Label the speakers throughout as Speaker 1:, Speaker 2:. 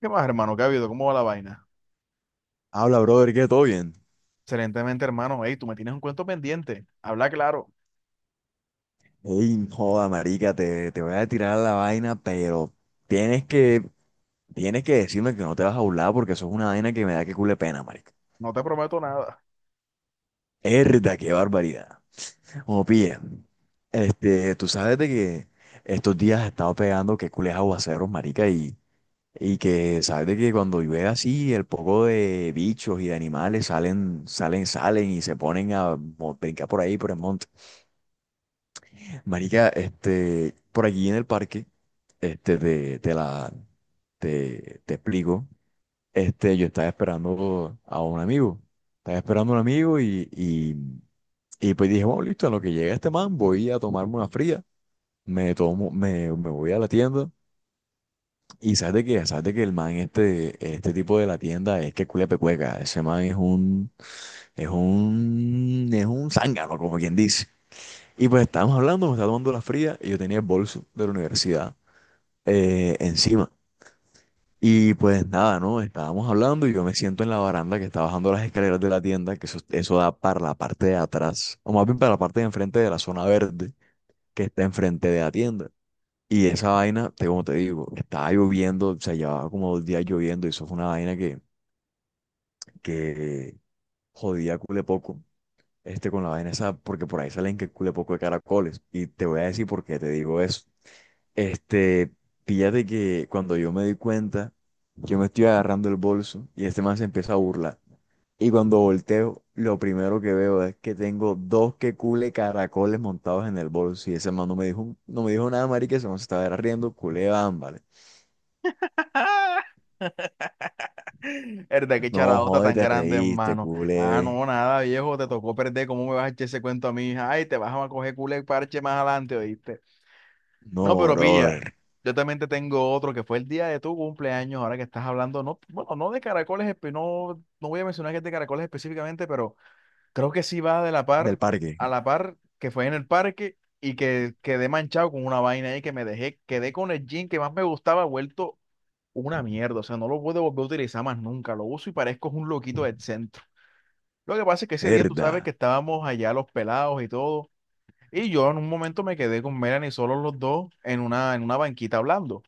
Speaker 1: ¿Qué más, hermano? ¿Qué ha habido? ¿Cómo va la vaina?
Speaker 2: Habla, brother, ¿qué? ¿Todo bien?
Speaker 1: Excelentemente, hermano. Ey, tú me tienes un cuento pendiente. Habla claro.
Speaker 2: Ey, joda, marica, te voy a tirar la vaina, pero tienes que decirme que no te vas a burlar porque eso es una vaina que me da que cule pena, marica.
Speaker 1: No te prometo nada.
Speaker 2: Erda, qué barbaridad. Como pilla, tú sabes de que estos días he estado pegando que cules aguaceros, marica, y que sabes de que cuando llueve así, el poco de bichos y de animales salen y se ponen a brincar por ahí, por el monte. Marica, por allí en el parque, este, de, de la, te explico, yo estaba esperando a un amigo, estaba esperando a un amigo y pues dije, bueno, listo, en lo que llega este man, voy a tomarme una fría, me voy a la tienda y sabes de qué, sabes de que el man, este tipo de la tienda es que culia pecueca, ese man es un zángano, como quien dice. Y pues estábamos hablando, me estaba tomando la fría y yo tenía el bolso de la universidad, encima. Y pues nada, ¿no? Estábamos hablando y yo me siento en la baranda que está bajando las escaleras de la tienda, que eso da para la parte de atrás, o más bien para la parte de enfrente de la zona verde que está enfrente de la tienda. Y esa vaina, como te digo, estaba lloviendo, o sea, llevaba como dos días lloviendo y eso fue una vaina que jodía cule poco. Este con la vaina esa, porque por ahí salen que cule poco de caracoles. Y te voy a decir por qué te digo eso. Este, Fíjate que cuando yo me di cuenta, yo me estoy agarrando el bolso y este man se empieza a burlar. Y cuando volteo, lo primero que veo es que tengo dos que cule caracoles montados en el bolso. Y ese man no me dijo, no me dijo nada, marica, ese man se estaba riendo, culé, ámbale.
Speaker 1: Verdad, qué
Speaker 2: No,
Speaker 1: charadota
Speaker 2: joder,
Speaker 1: tan
Speaker 2: te
Speaker 1: grande,
Speaker 2: reíste,
Speaker 1: hermano. Ah,
Speaker 2: culé.
Speaker 1: no, nada, viejo. Te tocó perder. ¿Cómo me vas a echar ese cuento a mí? Ay, te vas a coger culo y parche más adelante, ¿oíste? No,
Speaker 2: No,
Speaker 1: pero pilla.
Speaker 2: brother.
Speaker 1: Yo también te tengo otro que fue el día de tu cumpleaños. Ahora que estás hablando, no, bueno, no de caracoles, no, no voy a mencionar que es de caracoles específicamente, pero. Creo que sí va de la
Speaker 2: Del
Speaker 1: par
Speaker 2: parque.
Speaker 1: a la par que fue en el parque y que quedé manchado con una vaina ahí que me dejé, quedé con el jean que más me gustaba vuelto una mierda. O sea, no lo puedo volver a utilizar más nunca. Lo uso y parezco un loquito del centro. Lo que pasa es que ese día tú sabes
Speaker 2: Herda.
Speaker 1: que estábamos allá los pelados y todo. Y yo en un momento me quedé con Melanie solos los dos en en una banquita hablando.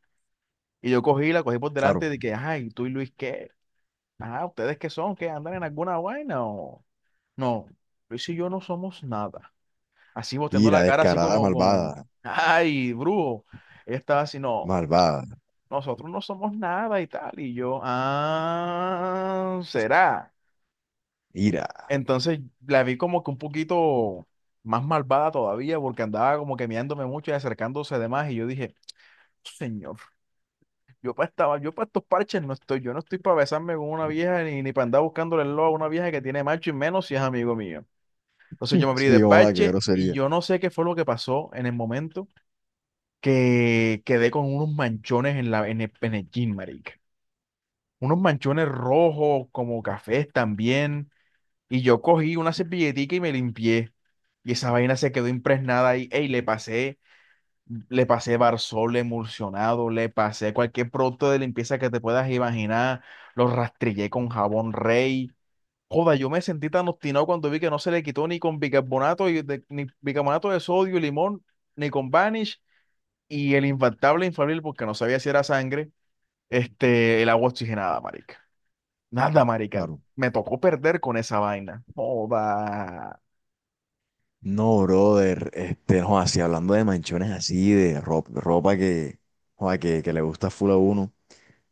Speaker 1: Y yo cogí, la cogí por
Speaker 2: Claro.
Speaker 1: delante de que, ay, tú y Luis, ¿qué? Ah, ¿ustedes qué son? ¿Qué andan en alguna vaina o no? Luis y yo no somos nada. Así boteando
Speaker 2: Ira,
Speaker 1: la cara, así
Speaker 2: descarada,
Speaker 1: como
Speaker 2: malvada.
Speaker 1: con, ay, brujo. Ella estaba así, no,
Speaker 2: Malvada.
Speaker 1: nosotros no somos nada y tal. Y yo, ah, será.
Speaker 2: Ira.
Speaker 1: Entonces la vi como que un poquito más malvada todavía, porque andaba como que mirándome mucho y acercándose de más. Y yo dije, señor, yo para estaba, yo para estos parches no estoy, yo no estoy para besarme con una vieja ni, ni para andar buscándole el lobo a una vieja que tiene macho y menos si es amigo mío. Entonces yo me abrí de
Speaker 2: Sí, joda, qué
Speaker 1: parche y
Speaker 2: grosería.
Speaker 1: yo no sé qué fue lo que pasó en el momento que quedé con unos manchones en el jean, marica. Unos manchones rojos, como cafés también. Y yo cogí una servilletica y me limpié. Y esa vaina se quedó impregnada ahí. Ey, le pasé Barsol emulsionado, le pasé cualquier producto de limpieza que te puedas imaginar. Lo rastrillé con jabón Rey. Joda, yo me sentí tan obstinado cuando vi que no se le quitó ni con bicarbonato, ni bicarbonato de sodio, y limón, ni con Vanish y el infaltable infalible, porque no sabía si era sangre, el agua oxigenada, marica. Nada, marica.
Speaker 2: Claro.
Speaker 1: Me tocó perder con esa vaina. Joda.
Speaker 2: No, brother, este, no, así hablando de manchones así, de ropa, ropa joda, que le gusta full a uno.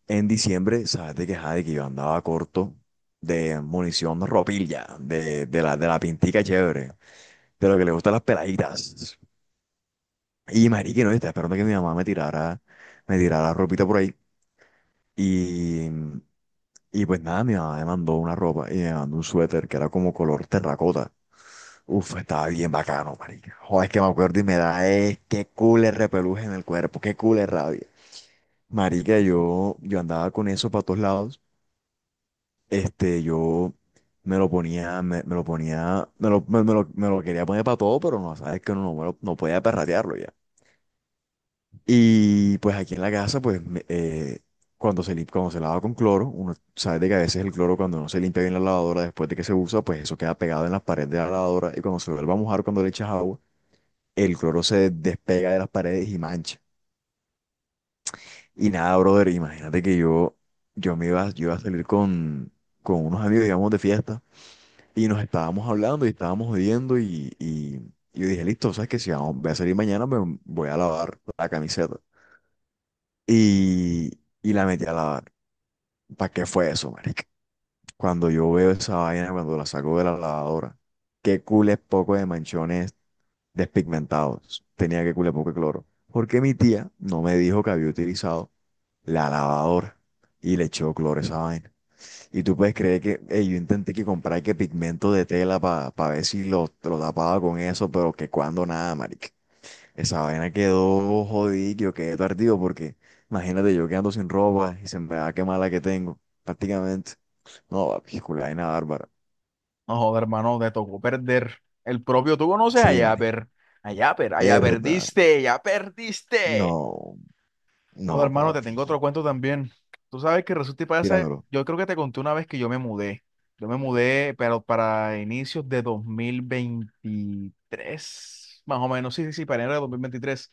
Speaker 2: En diciembre, sabes de que, ajá, de que yo andaba corto de munición ropilla, de la pintica chévere, de lo que le gustan las peladitas. Y marica, no, estaba esperando que mi mamá me me tirara ropita por ahí. Y, y pues nada, mi mamá me mandó una ropa y me mandó un suéter que era como color terracota. Uf, estaba bien bacano, marica. Joder, es que me acuerdo y me da, es qué cool el repeluje en el cuerpo, qué cool es rabia. Marica, yo andaba con eso para todos lados. Yo me lo ponía, me lo quería poner para todo, pero no, sabes que uno no, no podía perratearlo ya. Y pues aquí en la casa, pues, cuando se lava con cloro, uno sabe de que a veces el cloro cuando no se limpia bien la lavadora después de que se usa, pues eso queda pegado en las paredes de la lavadora y cuando se vuelve a mojar cuando le echas agua el cloro se despega de las paredes y mancha. Y nada, brother, imagínate que yo me iba, yo iba a salir con unos amigos, digamos, de fiesta, y nos estábamos hablando y estábamos y yo dije, listo, sabes que si voy a salir mañana, me voy a lavar la camiseta. Y, y la metí a lavar. ¿Para qué fue eso, marica? Cuando yo veo esa vaina, cuando la saco de la lavadora, qué cules poco de manchones despigmentados. Tenía que culiar poco de cloro. Porque mi tía no me dijo que había utilizado la lavadora y le echó cloro a esa vaina. Y tú puedes creer que ey, yo intenté que comprar que pigmento de tela para ver si lo tapaba con eso, pero que cuando nada, marica. Esa vaina quedó jodido, yo quedé tardío porque imagínate yo quedando sin ropa y se me va a quemar la que tengo, prácticamente. No, papi, culo, vaina bárbara.
Speaker 1: No joda, hermano, te tocó perder. El propio, tú conoces a
Speaker 2: Sí, marica.
Speaker 1: Yapper. A Yapper, a ya
Speaker 2: Herda.
Speaker 1: perdiste, ya perdiste.
Speaker 2: No,
Speaker 1: Joda,
Speaker 2: no,
Speaker 1: hermano, te tengo
Speaker 2: papi.
Speaker 1: otro cuento también. Tú sabes que resulta y pasa,
Speaker 2: Tíramelo.
Speaker 1: yo creo que te conté una vez que yo me mudé. Yo me mudé, pero para inicios de 2023 más o menos, sí, sí, sí, para enero de 2023.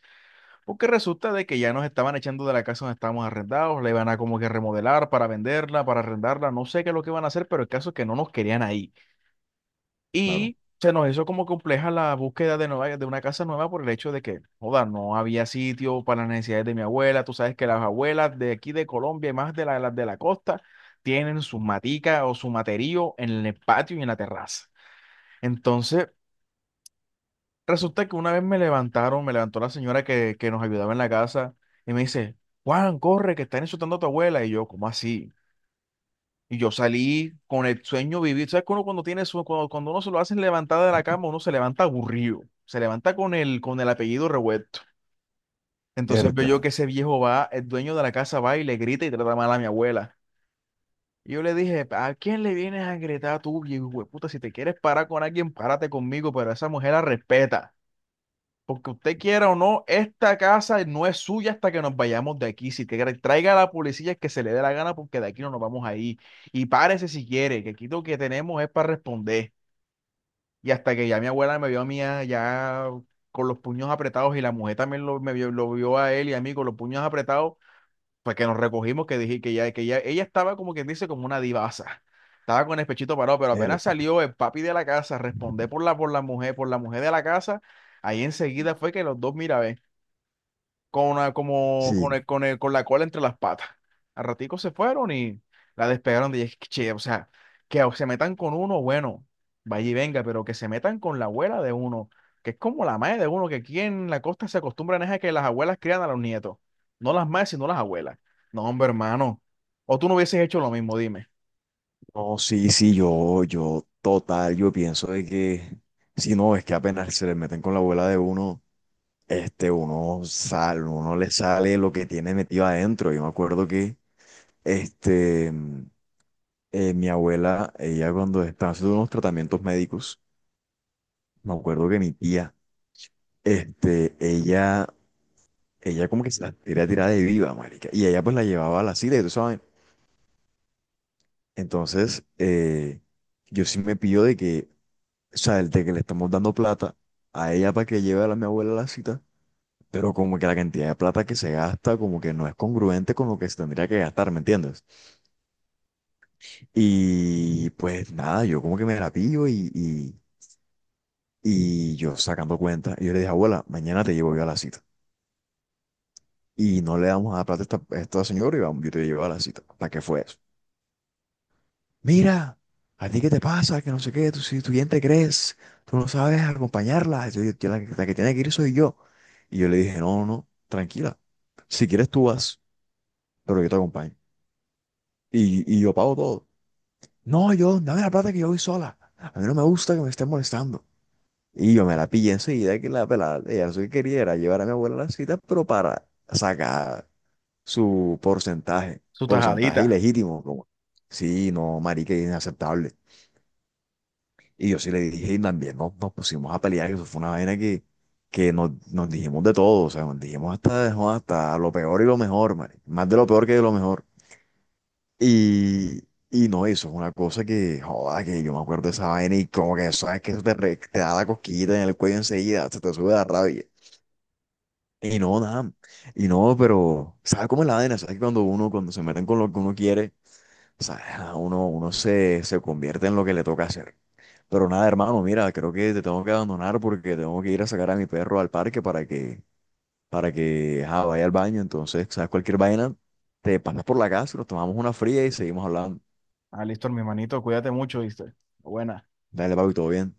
Speaker 1: Porque resulta de que ya nos estaban echando de la casa donde estábamos arrendados, la iban a como que remodelar para venderla, para arrendarla, no sé qué es lo que van a hacer, pero el caso es que no nos querían ahí.
Speaker 2: Claro.
Speaker 1: Y se nos hizo como compleja la búsqueda de, nueva, de una casa nueva por el hecho de que, joda, no había sitio para las necesidades de mi abuela. Tú sabes que las abuelas de aquí de Colombia y más de las de la costa tienen sus maticas o su materío en el patio y en la terraza. Entonces, resulta que una vez me levantaron, me levantó la señora que nos ayudaba en la casa y me dice, Juan, corre, que están insultando a tu abuela. Y yo, ¿cómo así? Y yo salí con el sueño vivido. ¿Sabes que uno cuando tiene cuando, cuando uno se lo hacen levantar de la cama, uno se levanta aburrido, se levanta con el apellido revuelto. Entonces veo yo
Speaker 2: Herda,
Speaker 1: que ese viejo va, el dueño de la casa va y le grita y trata mal a mi abuela. Y yo le dije, ¿a quién le vienes a gritar tú, viejo puta? Si te quieres parar con alguien, párate conmigo, pero esa mujer la respeta. Porque usted quiera o no, esta casa no es suya hasta que nos vayamos de aquí. Si quiere, traiga a la policía que se le dé la gana porque de aquí no nos vamos a ir. Y párese si quiere, que aquí lo que tenemos es para responder. Y hasta que ya mi abuela me vio a mí ya con los puños apretados y la mujer también me vio, lo vio a él y a mí con los puños apretados, pues que nos recogimos, que dije ella estaba como quien dice, como una divasa. Estaba con el pechito parado, pero apenas
Speaker 2: herda.
Speaker 1: salió el papi de la casa, respondé por por la mujer de la casa, ahí enseguida fue que los dos, mira, ve con una- como con
Speaker 2: Sí.
Speaker 1: el- con el- con la cola entre las patas. Al ratico se fueron y la despegaron de che, o sea, que se metan con uno, bueno, vaya y venga, pero que se metan con la abuela de uno, que es como la madre de uno, que aquí en la costa se acostumbran es a que las abuelas crían a los nietos, no las madres, sino las abuelas. No, hombre, hermano, o tú no hubieses hecho lo mismo, dime,
Speaker 2: No, sí, sí, yo pienso de que, si no, es que apenas se le meten con la abuela de uno, uno sale, uno le sale lo que tiene metido adentro. Yo me acuerdo que, este, mi abuela, ella cuando estaba haciendo unos tratamientos médicos, me acuerdo que mi tía, este, ella, ella como que se la quería tirar de viva, marica, y ella pues la llevaba a la silla, y tú sabes. Entonces, yo sí me pido de que, o sea, el de que le estamos dando plata a ella para que lleve a mi abuela a la cita, pero como que la cantidad de plata que se gasta como que no es congruente con lo que se tendría que gastar, ¿me entiendes? Y pues nada, yo como que me la pillo y yo sacando cuenta, y yo le dije, abuela, mañana te llevo yo a la cita. Y no le damos a plata a a esta señora y vamos, yo te llevo a la cita. ¿Para qué fue eso? Mira, ¿a ti qué te pasa? Que no sé qué, tú, si tú bien te crees, tú no sabes acompañarla, la que tiene que ir soy yo. Y yo le dije, no, no, no, tranquila, si quieres tú vas, pero yo te acompaño. Y yo pago todo. No, yo, dame la plata que yo voy sola, a mí no me gusta que me estén molestando. Y yo me la pillé enseguida que la pelada, ella lo que quería era llevar a mi abuela a la cita, pero para sacar su porcentaje,
Speaker 1: su
Speaker 2: porcentaje
Speaker 1: tajadita.
Speaker 2: ilegítimo, como, sí, no, marica, es inaceptable. Y yo sí le dije, y también nos pusimos a pelear, que eso fue una vaina que nos dijimos de todo, o sea, nos dijimos hasta, no, hasta lo peor y lo mejor, marica, más de lo peor que de lo mejor. Y, no, eso es una cosa que, joda, que yo me acuerdo de esa vaina y como que, sabes, que eso te da la cosquillita en el cuello enseguida, se te sube la rabia. Y no, nada, y no, pero, ¿sabes cómo es la vaina? ¿Sabes que cuando uno, cuando se meten con lo que uno quiere, ¿sabes? Uno se, se convierte en lo que le toca hacer. Pero nada, hermano, mira, creo que te tengo que abandonar porque tengo que ir a sacar a mi perro al parque para para que ajá, vaya al baño. Entonces, sabes, cualquier vaina, te pasas por la casa, nos tomamos una fría y seguimos hablando.
Speaker 1: Ah, listo, mi hermanito, cuídate mucho, ¿viste? Buena.
Speaker 2: Dale, papi, todo bien.